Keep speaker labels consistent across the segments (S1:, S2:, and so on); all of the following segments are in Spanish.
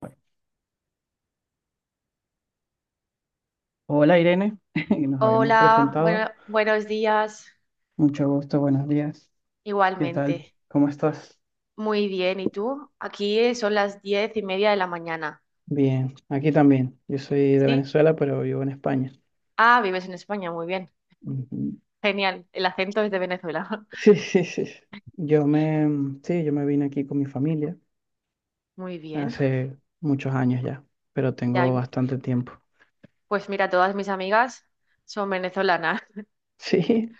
S1: Bueno, hola Irene, nos habíamos
S2: Hola, bueno,
S1: presentado.
S2: buenos días.
S1: Mucho gusto, buenos días. ¿Qué tal?
S2: Igualmente.
S1: ¿Cómo estás?
S2: Muy bien. ¿Y tú? Aquí son las 10:30 de la mañana.
S1: Bien, aquí también. Yo soy de
S2: ¿Sí?
S1: Venezuela, pero vivo en España.
S2: Ah, vives en España. Muy bien.
S1: Ujú.
S2: Genial. El acento es de Venezuela.
S1: Sí, sí, sí. Yo me, sí, yo me vine aquí con mi familia
S2: Muy bien.
S1: hace muchos años ya, pero
S2: Ya,
S1: tengo bastante tiempo.
S2: pues mira, todas mis amigas son venezolanas.
S1: Sí,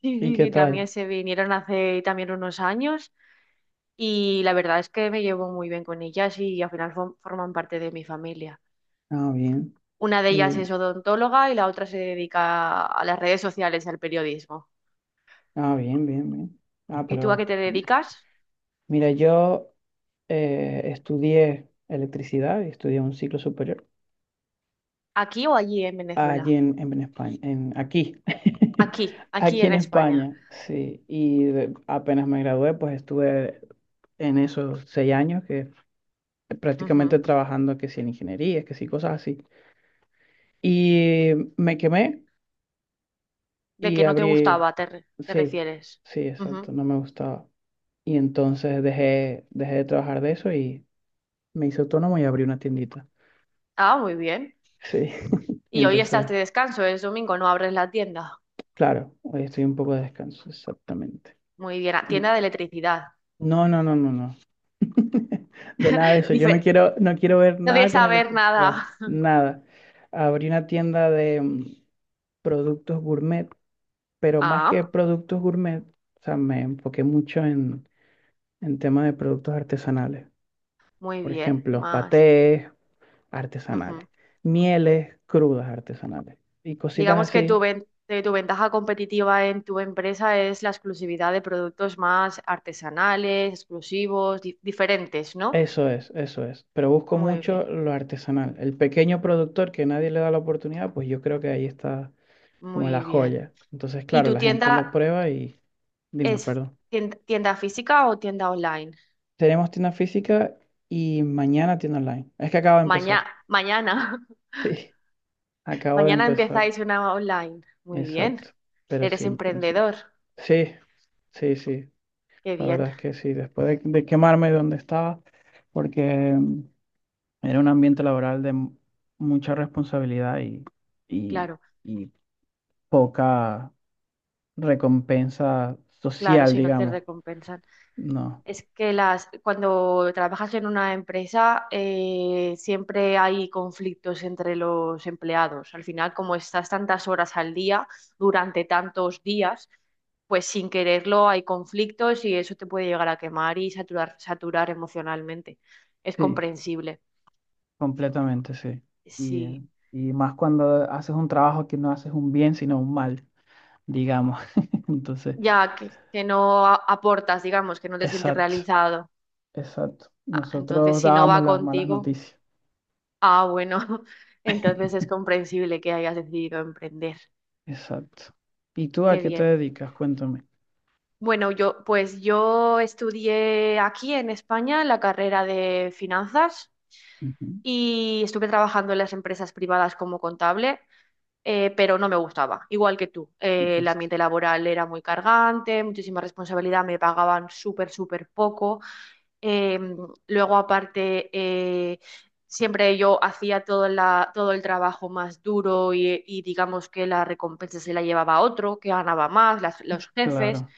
S2: Sí,
S1: ¿y
S2: sí,
S1: qué
S2: sí. También
S1: tal?
S2: se vinieron hace también unos años y la verdad es que me llevo muy bien con ellas y al final forman parte de mi familia.
S1: Ah, bien.
S2: Una de ellas
S1: Y,
S2: es odontóloga y la otra se dedica a las redes sociales, al periodismo.
S1: ah, bien, bien, bien. Ah,
S2: ¿Y tú a qué
S1: pero
S2: te dedicas?
S1: mira, yo estudié electricidad y estudié un ciclo superior.
S2: ¿Aquí o allí en
S1: Allí
S2: Venezuela?
S1: en, en España, aquí,
S2: Aquí, aquí
S1: aquí
S2: en
S1: en
S2: España.
S1: España, sí. Y apenas me gradué, pues estuve en esos seis años que prácticamente
S2: Ujú.
S1: trabajando que si en ingeniería, que si cosas así. Y me quemé
S2: De
S1: y
S2: que no te
S1: abrí,
S2: gustaba, te
S1: sí,
S2: refieres.
S1: sí, exacto,
S2: Ujú.
S1: no me gustaba. Y entonces dejé de trabajar de eso y me hice autónomo y abrí una tiendita.
S2: Ah, muy bien.
S1: Sí, y
S2: Y hoy
S1: entonces,
S2: estás de descanso, es domingo, no abres la tienda.
S1: claro, hoy estoy un poco de descanso, exactamente.
S2: Muy bien, ah,
S1: Y-
S2: tienda de electricidad.
S1: no, no, no, no, no. De nada de eso. Yo no
S2: Dife-
S1: quiero, no quiero ver
S2: no
S1: nada
S2: debes
S1: con
S2: saber
S1: electricidad.
S2: nada.
S1: Nada. Abrí una tienda de productos gourmet, pero más que
S2: Ah,
S1: productos gourmet, o sea, me enfoqué mucho en temas de productos artesanales.
S2: muy
S1: Por
S2: bien,
S1: ejemplo,
S2: más.
S1: patés artesanales,
S2: Ujú.
S1: mieles crudas artesanales y cositas
S2: Digamos que
S1: así.
S2: tu ventaja competitiva en tu empresa es la exclusividad de productos más artesanales, exclusivos, diferentes, ¿no?
S1: Eso es, eso es. Pero busco
S2: Muy
S1: mucho
S2: bien.
S1: lo artesanal. El pequeño productor que nadie le da la oportunidad, pues yo creo que ahí está como la
S2: Muy bien.
S1: joya. Entonces,
S2: ¿Y
S1: claro,
S2: tu
S1: la gente lo
S2: tienda
S1: prueba y dime,
S2: es
S1: perdón.
S2: tienda física o tienda online?
S1: Tenemos tienda física y mañana tienda online. Es que acabo de empezar.
S2: Maña- mañana.
S1: Sí, acabo de
S2: Mañana
S1: empezar.
S2: empezáis una online. Muy
S1: Exacto.
S2: bien.
S1: Pero sí,
S2: Eres
S1: en principio.
S2: emprendedor.
S1: Sí, sí, sí.
S2: Qué
S1: La
S2: bien.
S1: verdad es que sí. Después de quemarme donde estaba, porque era un ambiente laboral de mucha responsabilidad y,
S2: Claro,
S1: y poca recompensa
S2: claro,
S1: social,
S2: si no te
S1: digamos.
S2: recompensan.
S1: No.
S2: Es que cuando trabajas en una empresa, siempre hay conflictos entre los empleados. Al final, como estás tantas horas al día, durante tantos días, pues sin quererlo hay conflictos y eso te puede llegar a quemar y saturar, saturar emocionalmente. Es
S1: Sí.
S2: comprensible.
S1: Completamente, sí. Y, eh,
S2: Sí,
S1: y más cuando haces un trabajo que no haces un bien, sino un mal, digamos. Entonces,
S2: ya que no aportas, digamos, que no te sientes
S1: exacto,
S2: realizado.
S1: exacto.
S2: Ah, entonces,
S1: Nosotros
S2: si no
S1: dábamos
S2: va
S1: las malas
S2: contigo,
S1: noticias.
S2: ah, bueno, entonces es comprensible que hayas decidido emprender.
S1: Exacto. ¿Y tú a
S2: Qué
S1: qué te
S2: bien.
S1: dedicas? Cuéntame.
S2: Bueno, yo pues yo estudié aquí en España la carrera de finanzas
S1: Ujú.
S2: y estuve trabajando en las empresas privadas como contable. Pero no me gustaba, igual que tú. El
S1: Listo.
S2: ambiente laboral era muy cargante, muchísima responsabilidad, me pagaban súper, súper poco. Eh, luego aparte, siempre yo hacía todo el trabajo más duro, y digamos que la recompensa se la llevaba otro, que ganaba más, los jefes.
S1: Claro.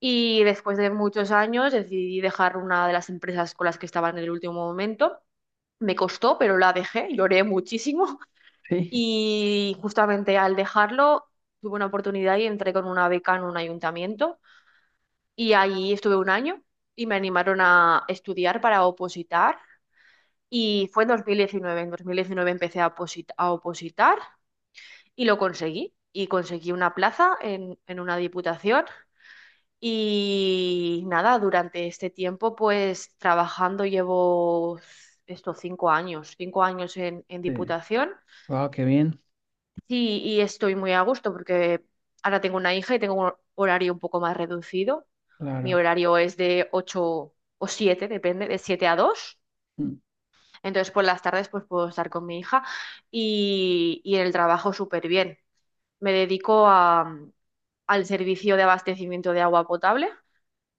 S2: Y después de muchos años decidí dejar una de las empresas con las que estaba en el último momento. Me costó, pero la dejé, lloré muchísimo,
S1: Sí.
S2: y justamente al dejarlo tuve una oportunidad y entré con una beca en un ayuntamiento y ahí estuve un año y me animaron a estudiar para opositar, y fue en 2019. En 2019 empecé a opositar y lo conseguí, y conseguí una plaza en una diputación. Y nada, durante este tiempo, pues trabajando, llevo estos 5 años, 5 años en
S1: Sí.
S2: Diputación,
S1: Wow, qué bien.
S2: y estoy muy a gusto porque ahora tengo una hija y tengo un horario un poco más reducido. Mi
S1: Claro.
S2: horario es de 8 o 7, depende, de 7 a 2.
S1: Mm.
S2: Entonces por las tardes pues puedo estar con mi hija, y en el trabajo súper bien. Me dedico al servicio de abastecimiento de agua potable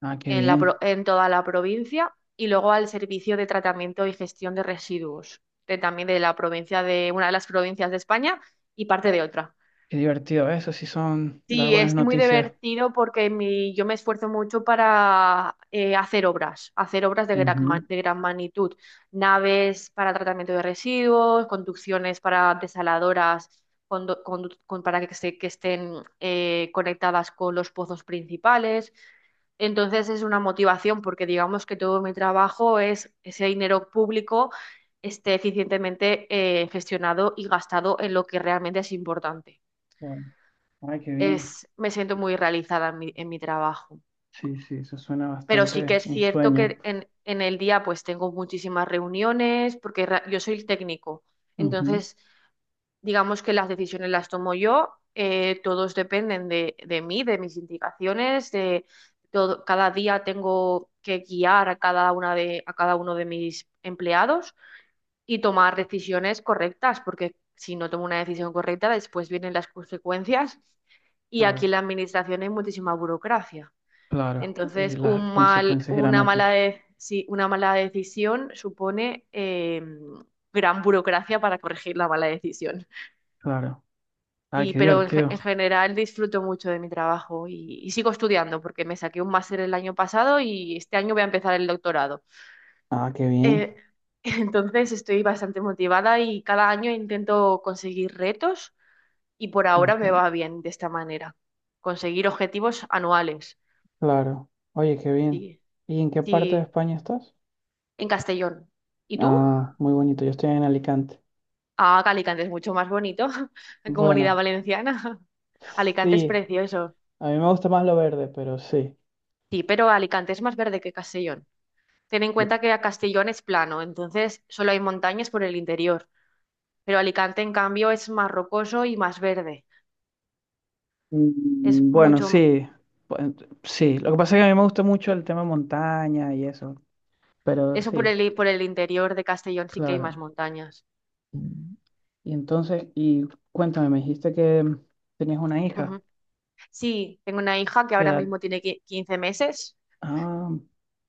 S1: Ah, qué bien.
S2: en toda la provincia, y luego al Servicio de Tratamiento y Gestión de Residuos, también de la provincia, de una de las provincias de España, y parte de otra.
S1: Qué divertido. Eso sí son dar
S2: Sí,
S1: buenas
S2: es muy
S1: noticias.
S2: divertido porque yo me esfuerzo mucho para, hacer obras
S1: Ujú.
S2: de gran magnitud, naves para tratamiento de residuos, conducciones para desaladoras, para que, que estén, conectadas con los pozos principales. Entonces es una motivación porque, digamos, que todo mi trabajo es ese dinero público esté eficientemente, gestionado y gastado en lo que realmente es importante.
S1: Wow. Ay, qué bien.
S2: Me siento muy realizada en mi trabajo.
S1: Sí, sí, eso suena
S2: Pero sí que
S1: bastante
S2: es
S1: un
S2: cierto
S1: sueño.
S2: que en el día pues tengo muchísimas reuniones, porque yo soy el técnico.
S1: Ujú.
S2: Entonces, digamos que las decisiones las tomo yo. Todos dependen de mí, de mis indicaciones, de todo. Cada día tengo que guiar a cada una de, a cada uno de mis empleados y tomar decisiones correctas, porque si no tomo una decisión correcta, después vienen las consecuencias, y aquí en
S1: Claro,
S2: la administración hay muchísima burocracia.
S1: claro. Y
S2: Entonces,
S1: las
S2: un mal,
S1: consecuencias irán
S2: una
S1: a ti.
S2: mala de- sí, una mala decisión supone, gran burocracia para corregir la mala decisión.
S1: Claro. Ah,
S2: Sí,
S1: qué
S2: pero
S1: divertido.
S2: en general disfruto mucho de mi trabajo, y sigo estudiando porque me saqué un máster el año pasado y este año voy a empezar el doctorado.
S1: Ah, qué bien.
S2: Eh, entonces, estoy bastante motivada y cada año intento conseguir retos, y por ahora me
S1: Ujú,
S2: va bien de esta manera, conseguir objetivos anuales.
S1: claro. Oye, qué bien.
S2: Sí.
S1: ¿Y en qué parte de
S2: Sí,
S1: España estás?
S2: en Castellón. ¿Y tú?
S1: Ah, muy bonito. Yo estoy en Alicante.
S2: Ah, que Alicante es mucho más bonito, en Comunidad
S1: Bueno,
S2: Valenciana. Alicante es
S1: sí.
S2: precioso.
S1: A mí me gusta más lo verde, pero sí.
S2: Sí, pero Alicante es más verde que Castellón. Ten en cuenta que Castellón es plano, entonces solo hay montañas por el interior, pero Alicante en cambio es más rocoso y más verde. Es
S1: Mm, bueno,
S2: mucho,
S1: sí. Bueno, sí. Lo que pasa es que a mí me gusta mucho el tema montaña y eso. Pero
S2: eso por
S1: sí,
S2: el, por el interior de Castellón sí que hay más
S1: claro.
S2: montañas.
S1: Mm. Y entonces, y cuéntame, me dijiste que tenías una hija.
S2: Ujú. Sí, tengo una hija que
S1: ¿Qué
S2: ahora
S1: edad?
S2: mismo tiene 15 meses.
S1: Ah,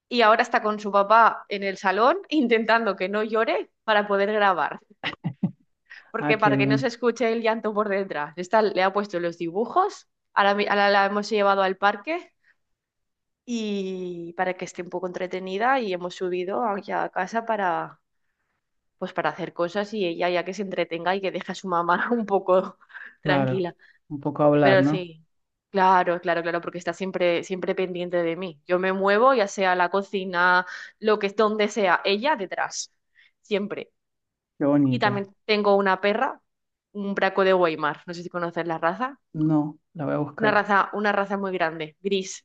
S2: Y ahora está con su papá en el salón, intentando que no llore para poder grabar,
S1: ah,
S2: porque
S1: qué
S2: para que no se
S1: bien.
S2: escuche el llanto por detrás. Está, le ha puesto los dibujos. Ahora, ahora la hemos llevado al parque y para que esté un poco entretenida, y hemos subido aquí a casa para, pues, para hacer cosas y ella ya que se entretenga y que deje a su mamá un poco
S1: Claro.
S2: tranquila.
S1: Un poco hablar,
S2: Pero
S1: ¿no?
S2: sí, claro, claro, claro, porque está siempre, siempre pendiente de mí. Yo me muevo, ya sea a la cocina, lo que es, donde sea, ella detrás, siempre.
S1: Qué
S2: Y
S1: bonito.
S2: también tengo una perra, un braco de Weimar, no sé si conoces la raza.
S1: No, la voy a
S2: Una
S1: buscar.
S2: raza, una raza muy grande, gris.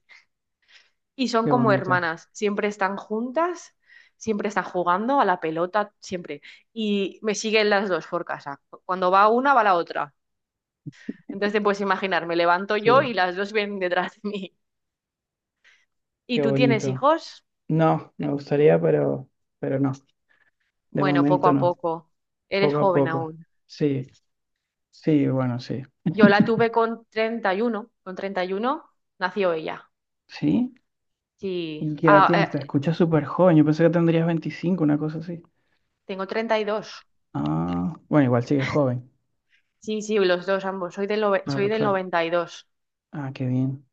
S2: Y son
S1: Qué
S2: como
S1: bonito.
S2: hermanas, siempre están juntas, siempre están jugando a la pelota, siempre. Y me siguen las dos por casa. Cuando va una, va la otra. Entonces te puedes imaginar, me levanto
S1: Sí,
S2: yo y las dos vienen detrás de mí. ¿Y
S1: qué
S2: tú tienes
S1: bonito.
S2: hijos?
S1: No, me gustaría, pero no. De
S2: Bueno, poco
S1: momento
S2: a
S1: no.
S2: poco. Eres
S1: Poco a
S2: joven
S1: poco.
S2: aún.
S1: Sí, sí, bueno, sí.
S2: Yo la tuve con 31. Con 31 nació ella.
S1: Sí.
S2: Sí.
S1: ¿Y qué edad
S2: Ah,
S1: tienes? Te escuchas súper joven. Yo pensé que tendrías 25, una cosa así.
S2: tengo 32.
S1: Ah, bueno, igual sigues joven.
S2: Sí, sí, los dos ambos. Soy
S1: Claro,
S2: del
S1: claro.
S2: 92.
S1: Ah, qué bien,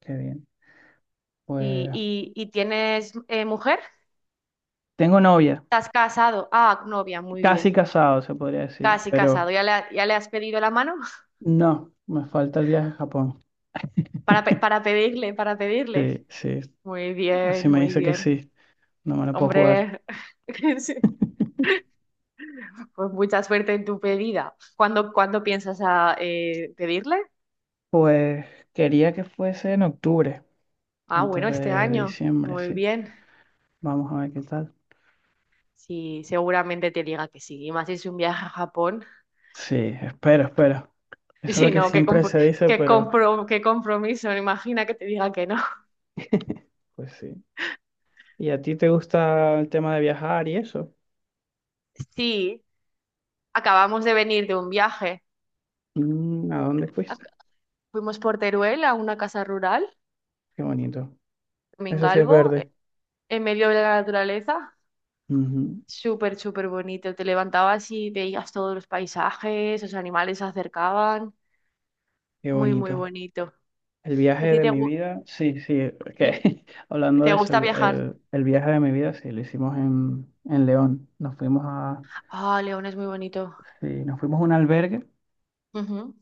S1: qué bien.
S2: Y, dos.
S1: Pues
S2: Y tienes mujer?
S1: tengo novia,
S2: ¿Estás casado? Ah, novia, muy
S1: casi
S2: bien.
S1: casado, se podría decir,
S2: Casi casado.
S1: pero
S2: Ya le has pedido la mano?
S1: no, me falta el viaje a Japón.
S2: Para pedirle, para pedirle.
S1: Sí, sí,
S2: Muy
S1: así
S2: bien,
S1: me
S2: muy
S1: dice que
S2: bien.
S1: sí, no me lo puedo jugar.
S2: Hombre, sí. Pues mucha suerte en tu pedida. ¿Cuándo piensas pedirle?
S1: Pues quería que fuese en octubre,
S2: Ah,
S1: antes
S2: bueno, este
S1: de
S2: año.
S1: diciembre,
S2: Muy
S1: sí.
S2: bien.
S1: Vamos a ver qué tal.
S2: Sí, seguramente te diga que sí. Y más si es un viaje a Japón.
S1: Sí, espero, espero.
S2: Y
S1: Eso es lo
S2: si
S1: que
S2: no,
S1: siempre se dice, pero
S2: qué compromiso. Imagina que te diga que no.
S1: pues sí. ¿Y a ti te gusta el tema de viajar y eso?
S2: Sí, acabamos de venir de un viaje.
S1: Mm, ¿a dónde fuiste?
S2: Ac- Fuimos por Teruel a una casa rural,
S1: Qué bonito. Eso sí es
S2: Mingalvo,
S1: verde.
S2: en medio de la naturaleza.
S1: Ujú,
S2: Súper, súper bonito. Te levantabas y veías todos los paisajes, los animales se acercaban.
S1: qué
S2: Muy, muy
S1: bonito.
S2: bonito.
S1: El
S2: ¿A
S1: viaje
S2: ti
S1: de mi vida, sí, sí, es
S2: sí,
S1: que hablando
S2: te
S1: de eso,
S2: gusta viajar?
S1: el viaje de mi vida, sí, lo hicimos en León. Nos fuimos a,
S2: Ah, León es muy bonito.
S1: sí, nos fuimos a un albergue
S2: Ujú.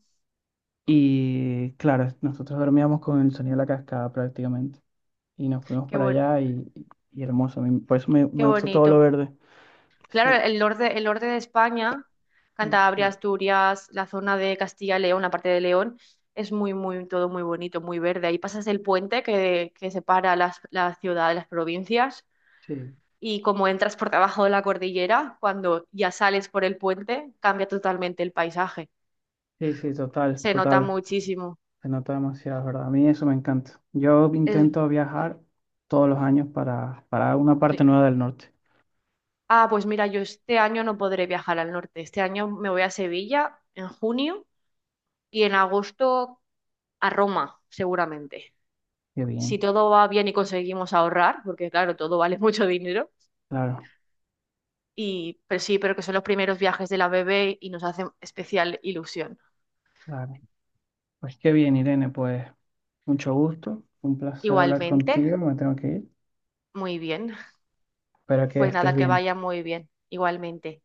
S1: y, claro, nosotros dormíamos con el sonido de la cascada prácticamente. Y nos fuimos
S2: Qué
S1: para
S2: buen-
S1: allá y hermoso. A mí, por eso me,
S2: Qué
S1: me gusta todo lo
S2: bonito.
S1: verde.
S2: Claro,
S1: Sí,
S2: el norte de España,
S1: eh,
S2: Cantabria,
S1: sí,
S2: Asturias, la zona de Castilla y León, la parte de León, es muy, muy, todo muy bonito, muy verde. Ahí pasas el puente que separa la ciudad de las provincias,
S1: sí,
S2: y como entras por debajo de la cordillera, cuando ya sales por el puente, cambia totalmente el paisaje.
S1: sí, sí, total,
S2: Se nota
S1: total.
S2: muchísimo.
S1: Se nota demasiado, ¿es verdad? A mí eso me encanta. Yo
S2: Es-
S1: intento viajar todos los años para una
S2: sí.
S1: parte nueva del norte.
S2: Ah, pues mira, yo este año no podré viajar al norte. Este año me voy a Sevilla en junio y en agosto a Roma, seguramente.
S1: Qué
S2: Si
S1: bien.
S2: todo va bien y conseguimos ahorrar, porque claro, todo vale mucho dinero.
S1: Claro,
S2: Y, pero sí, pero que son los primeros viajes de la bebé y nos hacen especial ilusión.
S1: claro. Pues qué bien, Irene, pues mucho gusto, un placer hablar
S2: Igualmente,
S1: contigo, me tengo que ir,
S2: muy bien.
S1: espero que
S2: Pues
S1: estés
S2: nada, que
S1: bien.
S2: vaya muy bien. Igualmente.